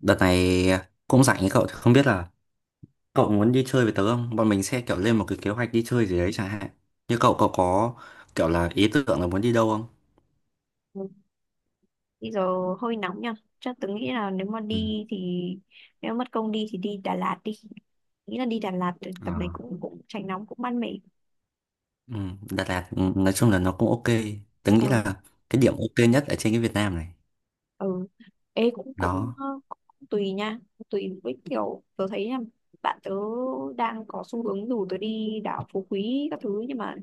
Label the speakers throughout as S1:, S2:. S1: Đợt này cũng rảnh ấy, cậu thì không biết là cậu muốn đi chơi với tớ không? Bọn mình sẽ kiểu lên một cái kế hoạch đi chơi gì đấy chẳng hạn. Như cậu cậu có kiểu là ý tưởng là muốn đi đâu không?
S2: Ừ. Bây giờ hơi nóng nha. Chắc tớ nghĩ là
S1: Ừ.
S2: nếu mất công đi thì đi Đà Lạt đi. Nghĩ là đi Đà Lạt thì tầm này
S1: À.
S2: cũng cũng tránh nóng, cũng mát mẻ.
S1: Ừ. Đà Lạt, ừ, nói chung là nó cũng ok. Tớ
S2: Ờ,
S1: nghĩ là cái điểm ok nhất ở trên cái Việt Nam này.
S2: ừ. Ê, cũng cũng,
S1: Đó.
S2: ờ, cũng tùy nha, cũng tùy với kiểu tớ thấy nha. Bạn tớ đang có xu hướng rủ tớ đi đảo Phú Quý các thứ, nhưng mà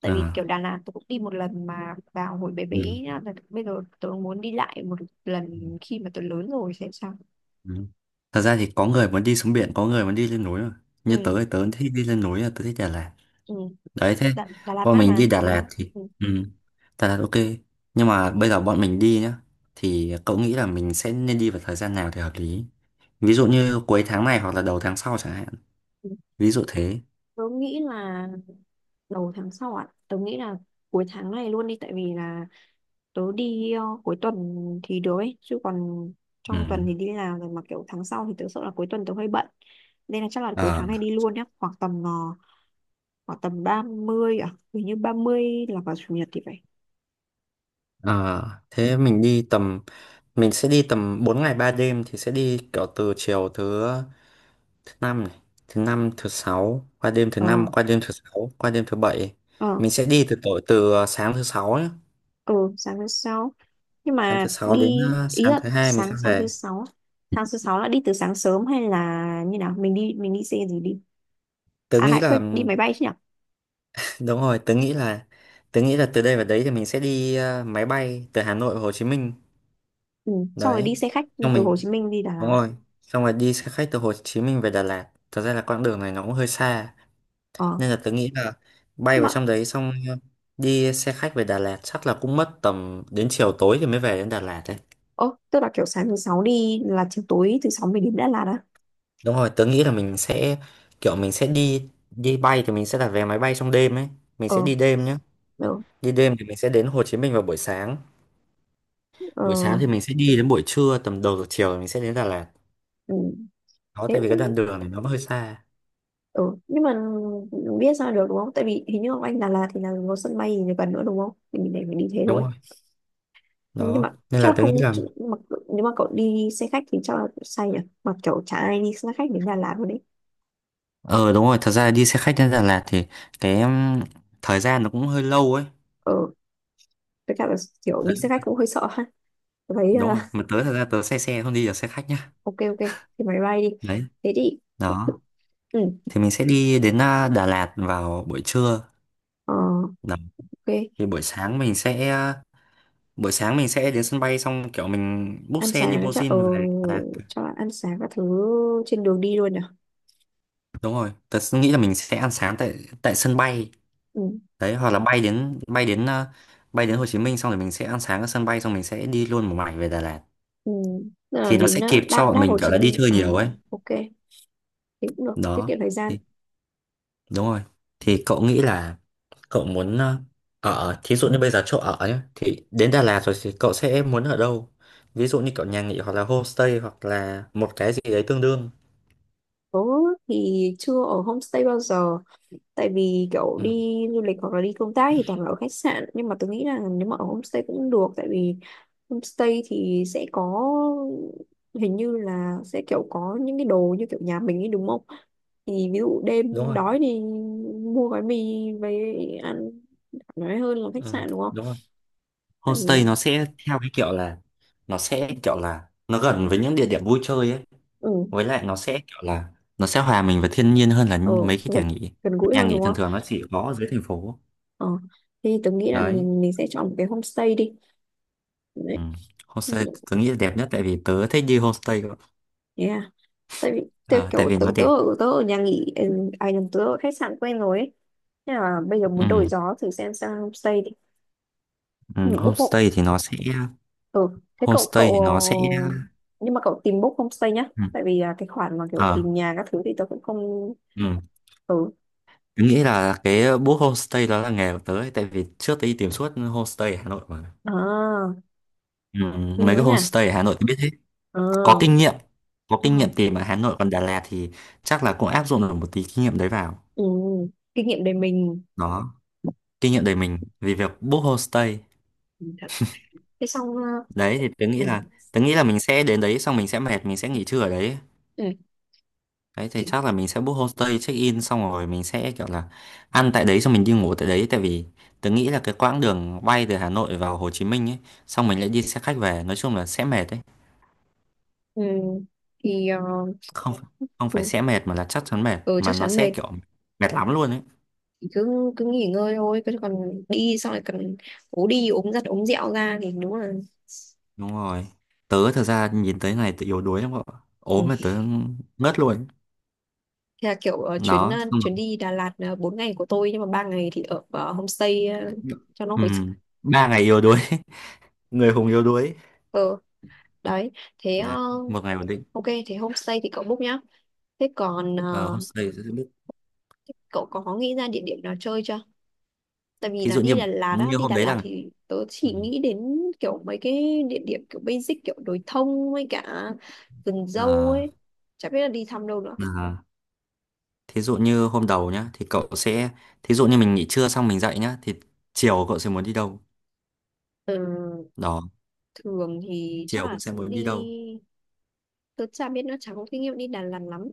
S2: tại vì kiểu
S1: À.
S2: Đà Lạt tớ cũng đi một lần mà vào hồi bé bé
S1: Ừ.
S2: nhá. Là bây giờ tớ muốn đi lại một
S1: Ừ.
S2: lần khi mà tớ lớn rồi xem sao.
S1: Ừ. Thật ra thì có người muốn đi xuống biển, có người muốn đi lên núi mà. Như
S2: Ừ,
S1: tớ thì tớ thích đi lên núi, là tớ thích Đà Lạt.
S2: ừ.
S1: Đấy, thế
S2: Đà Lạt
S1: bọn
S2: mát
S1: mình
S2: mà
S1: đi Đà, Ừ,
S2: đúng
S1: Lạt
S2: không?
S1: thì,
S2: Ừ.
S1: ừ, Đà Lạt ok nhưng mà bây giờ bọn mình đi nhá, thì cậu nghĩ là mình sẽ nên đi vào thời gian nào thì hợp lý, ví dụ như cuối tháng này hoặc là đầu tháng sau chẳng hạn, ví dụ thế.
S2: Tớ nghĩ là đầu tháng sau ạ. Tớ nghĩ là cuối tháng này luôn đi, tại vì là tớ đi cuối tuần thì được ấy, chứ còn trong tuần
S1: Ừ.
S2: thì đi làm rồi, mà kiểu tháng sau thì tớ sợ là cuối tuần tớ hơi bận. Nên là chắc là cuối
S1: Ờ.
S2: tháng này đi luôn nhé, khoảng tầm 30 à, hình như 30 là vào chủ nhật thì phải.
S1: Ờ, thế mình đi tầm mình sẽ đi tầm 4 ngày 3 đêm thì sẽ đi kiểu từ chiều thứ thứ năm này, thứ năm thứ sáu, qua đêm thứ
S2: Ờ
S1: năm, qua đêm thứ sáu, qua đêm thứ bảy.
S2: ờ
S1: Mình sẽ đi từ sáng thứ sáu,
S2: ờ sáng thứ sáu. Nhưng
S1: sáng thứ
S2: mà
S1: sáu đến
S2: ý
S1: sáng
S2: là
S1: thứ hai mình sẽ
S2: sáng sáng thứ
S1: về.
S2: sáu. Tháng thứ sáu là đi từ sáng sớm hay là như nào? Mình đi xe gì đi?
S1: Tớ
S2: À,
S1: nghĩ
S2: hãy quyết
S1: là
S2: đi máy bay chứ nhỉ?
S1: đúng rồi, tớ nghĩ là từ đây vào đấy thì mình sẽ đi máy bay từ Hà Nội và Hồ Chí Minh.
S2: Ừ. Xong rồi
S1: Đấy,
S2: đi xe khách
S1: xong
S2: từ Hồ
S1: mình
S2: Chí Minh đi Đà
S1: đúng
S2: Lạt.
S1: rồi, xong rồi đi xe khách từ Hồ Chí Minh về Đà Lạt, thật ra là quãng đường này nó cũng hơi xa,
S2: Ờ.
S1: nên là tớ nghĩ là bay vào
S2: Mà,
S1: trong đấy xong đi xe khách về Đà Lạt chắc là cũng mất tầm đến chiều tối thì mới về đến Đà Lạt đấy.
S2: ơ tức là kiểu sáng thứ sáu đi là chiều tối thứ sáu mình đến Đà Lạt à?
S1: Đúng rồi, tớ nghĩ là mình sẽ kiểu mình sẽ đi đi bay thì mình sẽ đặt vé máy bay trong đêm ấy, mình sẽ
S2: Ờ,
S1: đi đêm nhá.
S2: được.
S1: Đi đêm thì mình sẽ đến Hồ Chí Minh vào buổi sáng.
S2: Ờ,
S1: Buổi sáng thì mình sẽ đi đến buổi trưa, tầm đầu giờ chiều thì mình sẽ đến Đà Lạt.
S2: ừ.
S1: Đó,
S2: Thế
S1: tại vì cái
S2: cũng-
S1: đoạn đường này nó hơi xa.
S2: ừ. Nhưng mà biết sao được đúng không? Tại vì hình như ở anh Đà Lạt thì là có sân bay gì gần nữa đúng không? Thì mình để mình đi thế
S1: Đúng
S2: thôi.
S1: rồi.
S2: Nhưng mà
S1: Đó. Nên
S2: chắc
S1: là
S2: là
S1: tôi nghĩ
S2: không
S1: là...
S2: mà, nếu mà cậu đi xe khách thì chắc là say nhỉ? Mà kiểu chả ai đi xe khách đến Đà Lạt luôn đấy.
S1: Ờ đúng rồi, thật ra đi xe khách đến Đà Lạt thì cái thời gian nó cũng hơi lâu ấy.
S2: Ờ, với cả là kiểu đi xe khách cũng hơi sợ ha. Tôi Thấy
S1: Đúng
S2: ờ,
S1: rồi, mà tớ thật ra tớ xe xe không đi được xe khách nhá.
S2: ok, ok, thì máy bay đi.
S1: Đấy,
S2: Thế đi,
S1: đó.
S2: ừ.
S1: Thì mình sẽ đi đến Đà Lạt vào buổi trưa.
S2: Ờ,
S1: Đó.
S2: ok.
S1: Thì buổi sáng mình sẽ... à, Buổi sáng mình sẽ đến sân bay xong kiểu mình book
S2: Ăn
S1: xe
S2: sáng chắc
S1: limousine về Đà Lạt.
S2: cho bạn ăn sáng các thứ trên đường đi luôn nhỉ?
S1: Đúng rồi, tớ nghĩ là mình sẽ ăn sáng tại tại sân bay
S2: Ừ.
S1: đấy, hoặc là bay đến Hồ Chí Minh xong rồi mình sẽ ăn sáng ở sân bay xong mình sẽ đi luôn một mạch về Đà Lạt
S2: Ừ. Tức là
S1: thì nó
S2: đến
S1: sẽ kịp cho
S2: đáp
S1: bọn
S2: đáp
S1: mình
S2: Hồ
S1: kiểu
S2: Chí
S1: là đi
S2: Minh.
S1: chơi
S2: Ờ,
S1: nhiều ấy.
S2: ok. Thế cũng được. Tiết
S1: Đó,
S2: kiệm thời gian.
S1: thì, đúng rồi, thì cậu nghĩ là cậu muốn ở, thí dụ như bây giờ chỗ ở nhé, thì đến Đà Lạt rồi thì cậu sẽ muốn ở đâu, ví dụ như kiểu nhà nghỉ hoặc là homestay hoặc là một cái gì đấy tương đương.
S2: Tớ thì chưa ở homestay bao giờ. Tại vì kiểu
S1: ừ,
S2: đi du lịch hoặc là đi công tác thì toàn là ở khách sạn, nhưng mà tôi nghĩ là nếu mà ở homestay cũng được. Tại vì homestay thì sẽ có, hình như là sẽ kiểu có những cái đồ như kiểu nhà mình ấy đúng không, thì ví dụ
S1: đúng
S2: đêm
S1: rồi
S2: đói thì mua gói mì về ăn, nói hơn là khách
S1: ừ,
S2: sạn đúng không.
S1: đúng rồi
S2: Tại
S1: Homestay
S2: vì
S1: nó sẽ kiểu là nó gần với những địa điểm vui chơi ấy.
S2: ừ,
S1: Với lại nó sẽ hòa mình với thiên nhiên hơn là
S2: ừ,
S1: những- mấy cái
S2: gần
S1: nhà nghỉ.
S2: gần gũi
S1: Nhà
S2: hơn
S1: nghỉ
S2: đúng
S1: thường
S2: không.
S1: thường nó chỉ có ở dưới thành phố.
S2: ờ thì tôi nghĩ là
S1: Đấy.
S2: mình sẽ chọn một cái homestay đi. Đấy.
S1: Ừ. Homestay tớ nghĩ là đẹp nhất tại vì tớ thích đi homestay cơ.
S2: Yeah, tại vì theo
S1: Ờ, tại
S2: kiểu
S1: vì
S2: tớ,
S1: nó
S2: tớ
S1: đẹp.
S2: ở tớ ở nhà nghỉ, ừ, à nhầm, tớ ở khách sạn quen rồi ấy. Thế là bây giờ muốn đổi
S1: Ừ.
S2: gió thử xem, sang homestay đi. Ừ,
S1: Ừ.
S2: book hộ,
S1: Homestay thì nó sẽ
S2: ừ, thế cậu
S1: homestay thì nó sẽ
S2: cậu nhưng mà cậu tìm book homestay nhá.
S1: ừ.
S2: Tại vì cái khoản mà kiểu
S1: Ờ.
S2: tìm nhà các thứ thì tớ cũng không.
S1: Ừ.
S2: Ừ,
S1: Tớ nghĩ là cái book homestay đó là nghề của tớ ấy, tại vì trước tớ đi tìm suốt homestay ở Hà Nội mà.
S2: à,
S1: Ừ,
S2: nguy
S1: mấy
S2: quá
S1: cái
S2: nhỉ.
S1: homestay ở Hà Nội tôi biết,
S2: ờ
S1: có kinh nghiệm có
S2: ờ,
S1: kinh nghiệm tìm ở Hà Nội, còn Đà Lạt thì chắc là cũng áp dụng được một tí kinh nghiệm đấy vào.
S2: ừ. Kinh nghiệm để mình.
S1: Đó, kinh nghiệm đời mình vì việc book homestay.
S2: Ừ, thật. thế xong à,
S1: Đấy thì tớ
S2: ừ.
S1: nghĩ là tớ nghĩ là mình sẽ đến đấy xong mình sẽ mệt, mình sẽ nghỉ trưa ở đấy.
S2: Ừ.
S1: Đấy thì chắc là mình sẽ book homestay check in xong rồi mình sẽ kiểu là ăn tại đấy xong mình đi ngủ tại đấy, tại vì tớ nghĩ là cái quãng đường bay từ Hà Nội vào Hồ Chí Minh ấy xong mình lại đi xe khách về nói chung là sẽ mệt đấy.
S2: Ừ. thì ờ,
S1: Không, không phải
S2: ừ.
S1: sẽ mệt mà là chắc chắn mệt,
S2: Ừ,
S1: mà
S2: chắc
S1: nó
S2: chắn
S1: sẽ
S2: mệt.
S1: kiểu mệt lắm luôn ấy.
S2: Thì cứ cứ nghỉ ngơi thôi, cứ còn đi xong lại còn ố đi ốm giặt ốm dẹo ra thì đúng là.
S1: Đúng rồi, tớ thật ra nhìn tới ngày tớ yếu đuối lắm cậu ạ.
S2: Ừ.
S1: Ốm mà tớ ngất luôn.
S2: Thế là kiểu ờ, chuyến ờ,
S1: Nó xong rồi,
S2: chuyến đi Đà Lạt, 4 ngày của tôi nhưng mà ba ngày thì ở homestay cho nó
S1: ừ,
S2: hồi sức.
S1: 3 ngày yếu đuối người hùng yếu đuối
S2: ờ đấy. thế ờ,
S1: này, một ngày ổn định.
S2: ok, thế homestay thì cậu book nhá. thế còn
S1: Ờ,
S2: ờ,
S1: hôm sau thì sẽ biết,
S2: thế cậu có nghĩ ra địa điểm nào chơi chưa? Tại vì
S1: thí
S2: là
S1: dụ như
S2: đi Đà Lạt á
S1: như
S2: đi
S1: hôm
S2: Đà
S1: đấy
S2: Lạt
S1: là.
S2: thì tớ
S1: Ừ.
S2: chỉ nghĩ đến kiểu mấy cái địa điểm kiểu basic, kiểu đồi thông với cả vườn dâu
S1: À.
S2: ấy, chả biết là đi thăm đâu nữa.
S1: À, thí dụ như hôm đầu nhá thì cậu sẽ, thí dụ như mình nghỉ trưa xong mình dậy nhá thì chiều cậu sẽ muốn đi đâu.
S2: Ờ,
S1: Đó,
S2: thường thì chắc
S1: chiều
S2: là
S1: cũng sẽ
S2: sẽ
S1: muốn
S2: đi.
S1: đi đâu.
S2: Tôi chả biết nữa, chả có kinh nghiệm đi Đà Lạt lắm,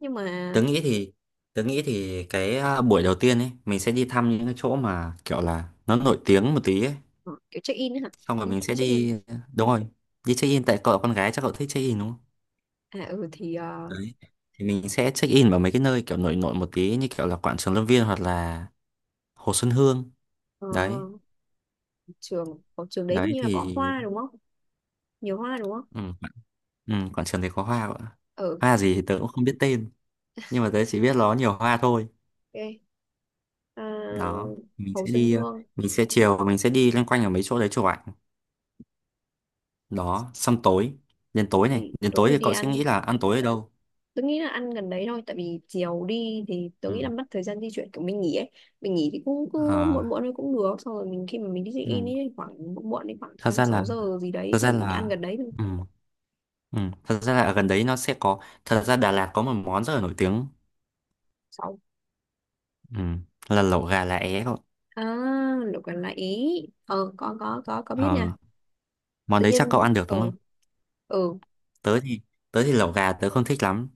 S2: nhưng mà
S1: Tớ nghĩ thì tớ nghĩ thì cái buổi đầu tiên ấy mình sẽ đi thăm những cái chỗ mà kiểu là nó nổi tiếng một tí ấy.
S2: ờ, kiểu check in ấy hả.
S1: Xong rồi
S2: Đi
S1: mình sẽ
S2: check in.
S1: đi, đúng rồi, đi check in, tại cậu là con gái chắc cậu thích check in đúng không?
S2: À, ừ,
S1: Đấy thì mình sẽ check in vào mấy cái nơi kiểu nổi nổi một tí như kiểu là Quảng Trường Lâm Viên hoặc là Hồ Xuân Hương,
S2: ờ,
S1: đấy.
S2: ở trường đấy
S1: Đấy
S2: hình như là
S1: thì
S2: có hoa đúng không? Nhiều hoa đúng không?
S1: ừ, ừ, Quảng Trường thì có hoa cậu ạ.
S2: Ừ,
S1: Hoa gì thì tớ cũng không biết tên, nhưng mà tớ chỉ biết nó nhiều hoa thôi.
S2: ok. À,
S1: Đó,
S2: Hồ Xuân Hương.
S1: mình sẽ chiều mình sẽ đi loanh quanh ở mấy chỗ đấy chụp ảnh. Đó xong tối,
S2: tối thì
S1: đến
S2: tối
S1: tối
S2: thì
S1: thì
S2: đi
S1: cậu sẽ
S2: ăn.
S1: nghĩ là ăn tối ở đâu.
S2: Tôi nghĩ là ăn gần đấy thôi, tại vì chiều đi thì tôi
S1: Ừ.
S2: nghĩ là mất thời gian di chuyển, kiểu mình nghỉ ấy. Mình nghỉ thì cũng cứ muộn
S1: À,
S2: muộn thôi cũng được, xong rồi mình khi mà mình đi check in
S1: ừ.
S2: ấy khoảng muộn muộn, đến khoảng
S1: thật
S2: năm
S1: ra
S2: sáu
S1: là
S2: giờ gì đấy
S1: thật ra
S2: thì mình ăn
S1: là
S2: gần đấy thôi.
S1: ừ. Ừ. Thật ra là ở gần đấy nó sẽ có, thật ra Đà Lạt có một món rất là nổi tiếng,
S2: Sáu,
S1: ừ, là lẩu gà lá é cậu.
S2: à, lẩu gà lại ý. Ờ, có, biết
S1: Ờ,
S2: nha.
S1: món
S2: Tự
S1: đấy chắc cậu
S2: nhiên
S1: ăn được đúng không?
S2: ờ
S1: Tớ thì tớ thì lẩu gà tớ không thích lắm,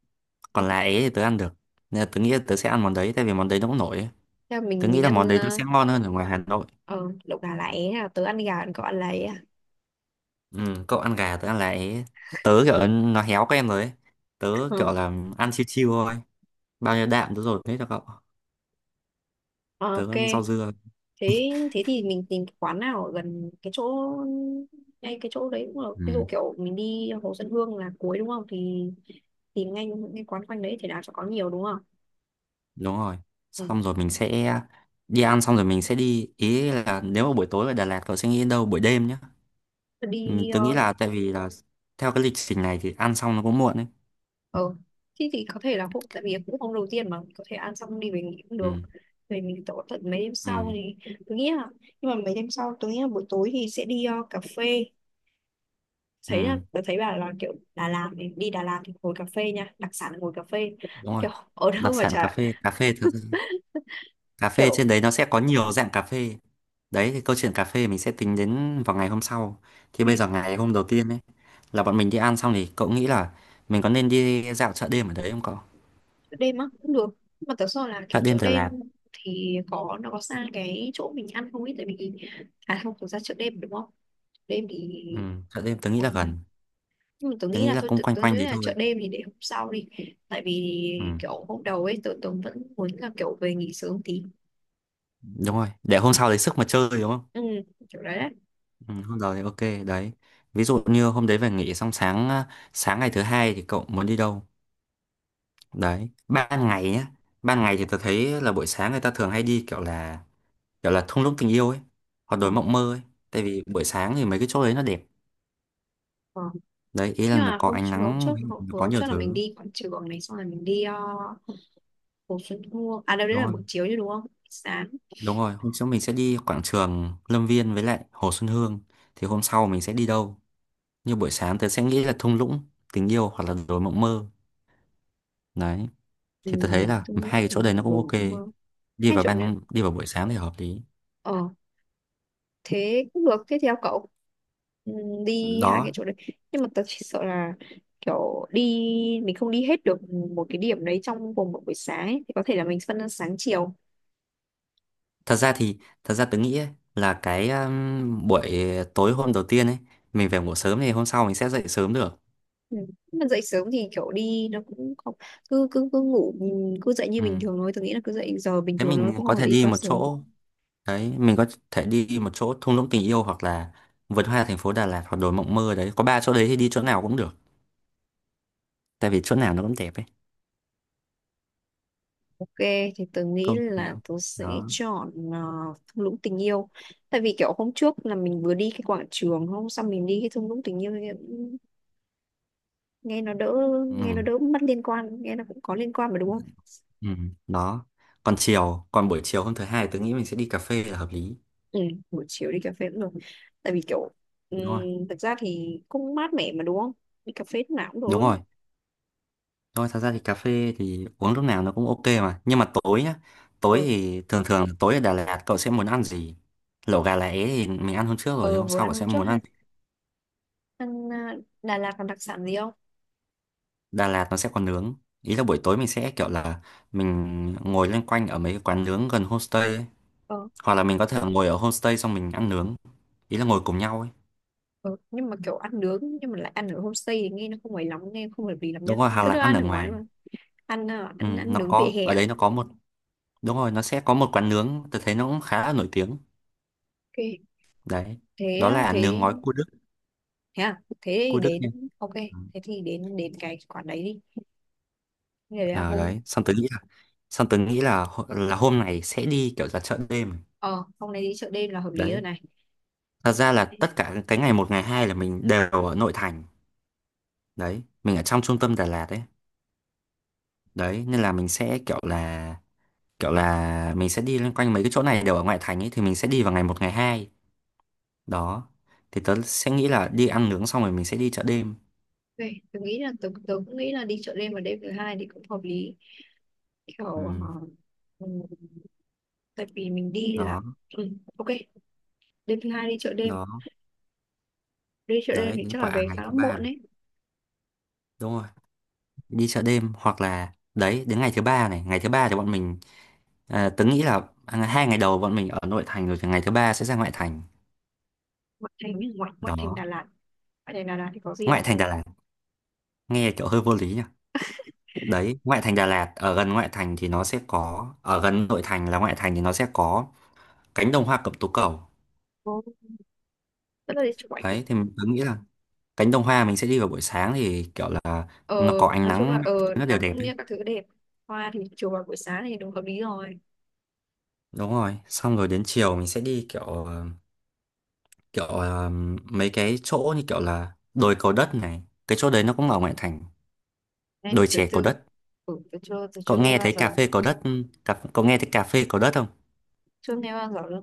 S1: còn lá é thì tớ ăn được, nên là tớ nghĩ là tớ sẽ ăn món đấy tại vì món đấy nó cũng nổi ấy.
S2: theo
S1: Tớ
S2: mình
S1: nghĩ
S2: mình
S1: là món
S2: ăn
S1: đấy nó sẽ ngon hơn ở ngoài Hà Nội.
S2: ờ, lẩu gà lá é, à, tớ ăn gà còn cậu ăn lá é à.
S1: Ừ, cậu ăn gà tớ ăn lại, tớ kiểu nó héo các em rồi ấy. Tớ
S2: Ờ,
S1: kiểu là ăn chiêu chiêu thôi, bao nhiêu đạm tớ dồn hết cho cậu, tớ
S2: ok.
S1: ăn rau dưa.
S2: Thế thế thì mình tìm cái quán nào ở gần cái chỗ. Ngay cái chỗ đấy cũng được, ví dụ
S1: Ừ,
S2: kiểu mình đi Hồ Xuân Hương là cuối đúng không, thì tìm ngay những cái quán quanh đấy thì nào cho có nhiều đúng không.
S1: đúng rồi,
S2: Ừ.
S1: xong rồi mình sẽ đi ăn xong rồi mình sẽ đi, ý là nếu mà buổi tối ở Đà Lạt cậu sẽ nghĩ đến đâu, buổi đêm nhá. Mình
S2: đi
S1: tớ
S2: ờ
S1: nghĩ là tại vì là theo cái lịch trình này thì ăn xong nó cũng muộn ấy.
S2: ờ, thế thì có thể là hôm, tại vì cũng hôm đầu tiên mà, có thể ăn xong đi về nghỉ cũng
S1: Ừ,
S2: được. Về mình tổ tận mấy đêm sau
S1: ừ,
S2: thì tôi nghĩ là. Nhưng mà mấy đêm sau tôi nghĩ là buổi tối thì sẽ đi cà phê. Thấy là
S1: ừ,
S2: tôi thấy bà là kiểu Đà Lạt thì đi Đà Lạt thì ngồi cà phê nha, đặc sản là ngồi cà phê.
S1: đúng rồi,
S2: Kiểu ở đâu
S1: đặc
S2: mà
S1: sản cà
S2: chả.
S1: phê, cà phê thật, cà phê
S2: Kiểu
S1: trên đấy nó sẽ có nhiều dạng cà phê. Đấy thì câu chuyện cà phê mình sẽ tính đến vào ngày hôm sau. Thì bây giờ ngày hôm đầu tiên ấy là bọn mình đi ăn xong thì cậu nghĩ là mình có nên đi dạo chợ đêm ở đấy không cậu?
S2: đêm á cũng được. Nhưng mà thật sự là
S1: Chợ
S2: kiểu
S1: đêm
S2: chợ
S1: Đà
S2: đêm
S1: Lạt.
S2: thì có, nó có xa cái chỗ mình ăn không ấy, tại vì. À không, thực ra chợ đêm đúng không, chợ đêm thì.
S1: Ừ, chợ đêm tớ nghĩ
S2: Ủa
S1: là
S2: mà,
S1: gần,
S2: nhưng mà tớ
S1: tớ
S2: nghĩ
S1: nghĩ
S2: là
S1: là
S2: thôi,
S1: cũng
S2: tớ,
S1: quanh
S2: tớ nghĩ
S1: quanh đấy
S2: là chợ
S1: thôi.
S2: đêm thì để hôm sau đi. Tại vì
S1: Ừ,
S2: kiểu hôm đầu ấy tớ vẫn muốn là kiểu về nghỉ sớm tí.
S1: đúng rồi để hôm sau lấy sức mà chơi đúng không?
S2: Ừ, kiểu đấy đấy.
S1: Ừ, hôm đầu thì ok đấy, ví dụ như hôm đấy về nghỉ xong sáng sáng ngày thứ hai thì cậu muốn đi đâu. Đấy ban ngày nhá, ban ngày thì tôi thấy là buổi sáng người ta thường hay đi kiểu là, kiểu là thung lũng tình yêu ấy hoặc
S2: Ờ,
S1: đồi mộng mơ ấy, tại vì buổi sáng thì mấy cái chỗ đấy nó đẹp.
S2: ờ.
S1: Đấy, ý là
S2: Nhưng
S1: nó
S2: mà
S1: có
S2: hôm
S1: ánh
S2: trước hôm
S1: nắng,
S2: trước hôm,
S1: nó có
S2: hôm
S1: nhiều
S2: trước là mình
S1: thứ.
S2: đi quảng trường này, xong rồi mình đi Hồ Xuân Hương, à đâu đấy
S1: Đúng
S2: là
S1: rồi,
S2: buổi chiều chứ đúng không, sáng.
S1: đúng rồi, hôm sau mình sẽ đi quảng trường Lâm Viên với lại Hồ Xuân Hương, thì hôm sau mình sẽ đi đâu. Như buổi sáng tớ sẽ nghĩ là thung lũng tình yêu hoặc là đồi mộng mơ, đấy,
S2: Ừ,
S1: thì tớ thấy là
S2: đúng,
S1: hai cái chỗ đấy nó
S2: đúng,
S1: cũng
S2: đúng,
S1: ok,
S2: đúng.
S1: đi
S2: Hay
S1: vào
S2: chợ đêm.
S1: ban đi vào buổi sáng thì hợp lý.
S2: Ờ, thế cũng được, thế thì theo cậu. Ừ, đi hai cái
S1: Đó,
S2: chỗ đấy. Nhưng mà tớ chỉ sợ là kiểu đi mình không đi hết được một cái điểm đấy trong vòng một buổi sáng ấy. Thì có thể là mình phân ra sáng chiều.
S1: thật ra thì thật ra tớ nghĩ ấy, là cái buổi tối hôm đầu tiên ấy mình về ngủ sớm thì hôm sau mình sẽ dậy sớm được.
S2: Ừ. Mà dậy sớm thì kiểu đi nó cũng không. Cứ cứ cứ ngủ, ừ, cứ dậy như
S1: Ừ.
S2: bình thường thôi, tôi nghĩ là cứ dậy giờ bình
S1: Thế
S2: thường thôi,
S1: mình
S2: cũng không
S1: có
S2: phải
S1: thể
S2: đi
S1: đi
S2: quá
S1: một
S2: sớm.
S1: chỗ đấy, mình có thể đi một chỗ thung lũng tình yêu hoặc là vườn hoa thành phố Đà Lạt hoặc đồi mộng mơ, đấy có ba chỗ đấy thì đi chỗ nào cũng được, tại vì chỗ nào nó cũng đẹp ấy.
S2: Ok, thì tớ nghĩ
S1: Không
S2: là
S1: đâu.
S2: tớ sẽ
S1: Đó.
S2: chọn thung lũng tình yêu. Tại vì kiểu hôm trước là mình vừa đi cái quảng trường, hôm sau mình đi cái thung lũng tình yêu, nghe nó đỡ, nghe nó
S1: Ừ.
S2: đỡ mất liên quan, nghe nó cũng có liên quan mà đúng không.
S1: Ừ. Đó, còn chiều, còn buổi chiều hôm thứ hai tôi nghĩ mình sẽ đi cà phê là hợp lý.
S2: Ừ, buổi chiều đi cà phê cũng được. Tại vì kiểu ừm,
S1: Đúng rồi.
S2: thực ra thì cũng mát mẻ mà đúng không. Đi cà phê lúc nào cũng được
S1: Đúng
S2: luôn á.
S1: rồi, đúng rồi, thật ra thì cà phê thì uống lúc nào nó cũng ok mà, nhưng mà tối nhá. Tối
S2: Ừ.
S1: thì thường thường là tối ở Đà Lạt cậu sẽ muốn ăn gì? Lẩu gà lá é thì mình ăn hôm trước rồi,
S2: Ờ,
S1: hôm
S2: vừa
S1: sau
S2: ăn
S1: cậu
S2: hôm
S1: sẽ
S2: trước
S1: muốn?
S2: ha. ăn à, Đà Lạt còn đặc sản gì không.
S1: Đà Lạt nó sẽ còn nướng, ý là buổi tối mình sẽ kiểu là mình ngồi loanh quanh ở mấy cái quán nướng gần homestay ấy.
S2: Ờ.
S1: Hoặc là mình có thể ngồi ở homestay xong mình ăn nướng, ý là ngồi cùng nhau ấy.
S2: Ừ. Nhưng mà kiểu ăn nướng nhưng mà lại ăn ở homestay thì nghe nó không ấy lắm, nghe không hợp lý lắm nha.
S1: Đúng rồi, hoặc
S2: Cứ
S1: là
S2: đưa
S1: ăn
S2: ăn
S1: ở
S2: ở ngoài
S1: ngoài.
S2: luôn. ăn à,
S1: Ừ,
S2: ăn ăn
S1: nó
S2: nướng vỉa
S1: có
S2: hè
S1: ở
S2: à?
S1: đấy, nó có một, đúng rồi, nó sẽ có một quán nướng tôi thấy nó cũng khá là nổi tiếng.
S2: Ok, thế.
S1: Đấy, đó là nướng ngói
S2: Thế
S1: cua Đức.
S2: thế à thế thì
S1: Cua Đức nha.
S2: đến, ok, thế thì đến đến cái quán đấy đi. Thế là hôm,
S1: Đấy xong tớ nghĩ là, xong tớ nghĩ là là hôm này sẽ đi kiểu là chợ đêm.
S2: ờ hôm nay đi chợ đêm là hợp lý rồi
S1: Đấy,
S2: này.
S1: thật ra là
S2: Đấy,
S1: tất cả cái ngày một ngày hai là mình đều ở nội thành, đấy mình ở trong trung tâm Đà Lạt đấy. Đấy nên là mình sẽ kiểu là, kiểu là mình sẽ đi loanh quanh mấy cái chỗ này đều ở ngoại thành ấy, thì mình sẽ đi vào ngày một ngày hai. Đó, thì tớ sẽ nghĩ là đi ăn nướng xong rồi mình sẽ đi chợ đêm.
S2: vậy tôi nghĩ là tôi cũng nghĩ là đi chợ đêm vào đêm thứ hai thì cũng hợp lý.
S1: Ừ.
S2: Kiểu ờ, ừ, tại vì mình đi
S1: Đó.
S2: là, ừ, ok. Đêm thứ hai đi chợ đêm.
S1: Đó.
S2: Đi chợ đêm
S1: Đấy
S2: thì
S1: đến
S2: chắc là
S1: quả
S2: về
S1: ngày
S2: khá là
S1: thứ ba
S2: muộn
S1: này.
S2: ấy.
S1: Đúng rồi, đi chợ đêm, hoặc là đấy đến ngày thứ ba này, ngày thứ ba thì bọn mình, tớ nghĩ là, hai ngày đầu bọn mình ở nội thành rồi thì ngày thứ ba sẽ ra ngoại thành.
S2: Ngoại thành ấy, ngoại ngoại thành
S1: Đó.
S2: Đà Lạt. Ngoại thành Đà Lạt thì có gì
S1: Ngoại
S2: không.
S1: thành Đà Lạt nghe kiểu hơi vô lý nhỉ. Đấy, ngoại thành Đà Lạt ở gần ngoại thành thì nó sẽ có, ở gần nội thành là ngoại thành thì nó sẽ có cánh đồng hoa cẩm tú cầu.
S2: Có. Rất là đi chụp ảnh.
S1: Đấy thì mình cứ nghĩ là cánh đồng hoa mình sẽ đi vào buổi sáng thì kiểu là
S2: ờ
S1: nó có ánh
S2: nói chung là
S1: nắng, nó đều
S2: nắng
S1: đẹp
S2: cũng như
S1: đấy.
S2: các thứ đẹp. Hoa thì chiều và buổi sáng thì đúng hợp lý rồi.
S1: Đúng rồi, xong rồi đến chiều mình sẽ đi kiểu kiểu mấy cái chỗ như kiểu là đồi cầu đất này, cái chỗ đấy nó cũng ở ngoại thành.
S2: Nay thì
S1: Đồi
S2: tôi
S1: chè cầu
S2: chưa,
S1: đất.
S2: ừ, tôi chưa
S1: Cậu
S2: nghe
S1: nghe
S2: bao
S1: thấy
S2: giờ.
S1: cà phê cầu đất, cậu nghe thấy cà phê cầu đất không?
S2: Chưa nghe bao giờ nữa.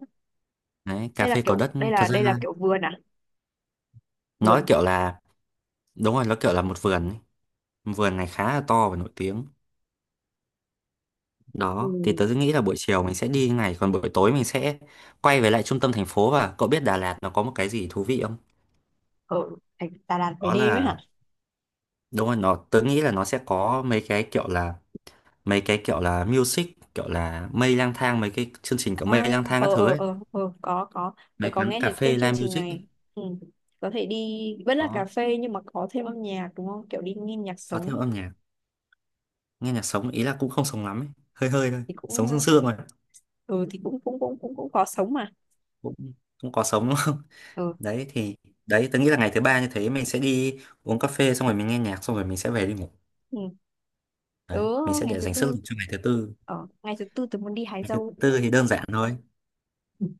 S1: Đấy, cà
S2: đây là
S1: phê cầu
S2: kiểu
S1: đất
S2: đây
S1: thật
S2: là
S1: ra
S2: đây là kiểu vườn à,
S1: nói
S2: vườn.
S1: kiểu là, đúng rồi, nó kiểu là một vườn ấy. Vườn này khá là to và nổi tiếng. Đó, thì
S2: Ừ.
S1: tớ nghĩ là buổi chiều mình sẽ đi như này, còn buổi tối mình sẽ quay về lại trung tâm thành phố. Và cậu biết Đà Lạt nó có một cái gì thú vị không?
S2: Ở thành Đà Lạt về
S1: Đó
S2: đêm ấy hả.
S1: là, đúng rồi, nó, tớ nghĩ là nó sẽ có mấy cái kiểu là, mấy cái kiểu là music, kiểu là mây lang thang, mấy cái chương trình kiểu
S2: À,
S1: mây lang thang các
S2: ờ,
S1: thứ
S2: ờ,
S1: ấy,
S2: ờ, ờ, có, có. Tôi
S1: mấy
S2: có
S1: quán
S2: nghe
S1: cà
S2: thấy
S1: phê
S2: tên chương
S1: live
S2: trình
S1: music ấy.
S2: này. Ừ. Có thể đi vẫn là cà
S1: Đó,
S2: phê nhưng mà có thêm âm nhạc đúng không, kiểu đi nghe nhạc
S1: có theo
S2: sống.
S1: âm nhạc, nghe nhạc sống, ý là cũng không sống lắm ấy, hơi hơi thôi,
S2: Thì
S1: sống
S2: cũng
S1: sương sương rồi,
S2: ừ, thì cũng cũng cũng cũng cũng có sống mà.
S1: cũng cũng có sống đúng không?
S2: Ừ.
S1: Đấy thì, đấy, tớ nghĩ là ngày thứ ba như thế mình sẽ đi uống cà phê xong rồi mình nghe nhạc xong rồi mình sẽ về đi ngủ.
S2: Ừ. Tớ,
S1: Đấy mình sẽ
S2: ngày
S1: để
S2: thứ
S1: dành sức
S2: tư.
S1: lực cho ngày thứ tư.
S2: Ở ngày thứ tư tớ muốn đi hái
S1: Ngày thứ
S2: dâu.
S1: tư thì đơn giản thôi,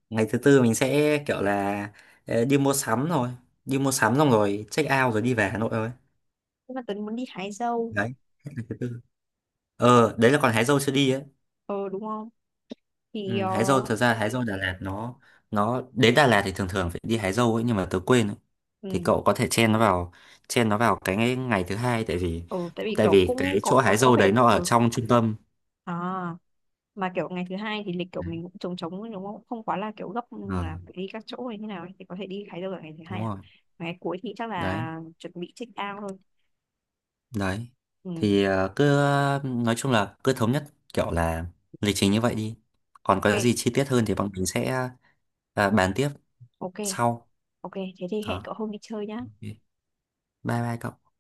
S1: ngày thứ tư mình sẽ kiểu là đi mua sắm rồi, đi mua sắm xong rồi check out rồi đi về Hà Nội thôi.
S2: Nhưng mà tớ muốn đi hái dâu.
S1: Đấy, hết ngày thứ tư. Ờ đấy là còn hái dâu chưa đi ấy.
S2: Ờ, đúng không. Thì
S1: Ừ,
S2: ờ
S1: hái dâu thật ra hái dâu Đà Lạt nó đến Đà Lạt thì thường thường phải đi hái dâu ấy nhưng mà tớ quên ấy. Thì
S2: ừ,
S1: cậu có thể chen nó vào, chen nó vào cái ngày, ngày thứ hai,
S2: ừ, tại vì
S1: tại
S2: kiểu
S1: vì
S2: cũng
S1: cái
S2: có
S1: chỗ
S2: có
S1: hái
S2: có
S1: dâu
S2: vẻ
S1: đấy nó ở
S2: ừ.
S1: trong trung tâm.
S2: À, mà kiểu ngày thứ hai thì lịch kiểu
S1: Đấy.
S2: mình cũng trống trống ấy, đúng không, không quá là kiểu gấp, ừ,
S1: Ờ
S2: là phải đi các chỗ hay như nào ấy. Thì có thể đi Thái Đâu ở ngày thứ hai
S1: đúng
S2: à.
S1: rồi.
S2: Mà ngày cuối thì chắc
S1: Đấy.
S2: là chuẩn bị check out thôi.
S1: Đấy.
S2: Ừ.
S1: Thì cứ nói chung là cứ thống nhất kiểu là lịch trình như vậy đi. Còn có
S2: Ok,
S1: gì chi tiết hơn thì bọn mình sẽ bàn tiếp
S2: ok,
S1: sau.
S2: ok, thế thì hẹn
S1: Đó.
S2: cậu hôm đi chơi nhá.
S1: Ok. Bye bye cậu.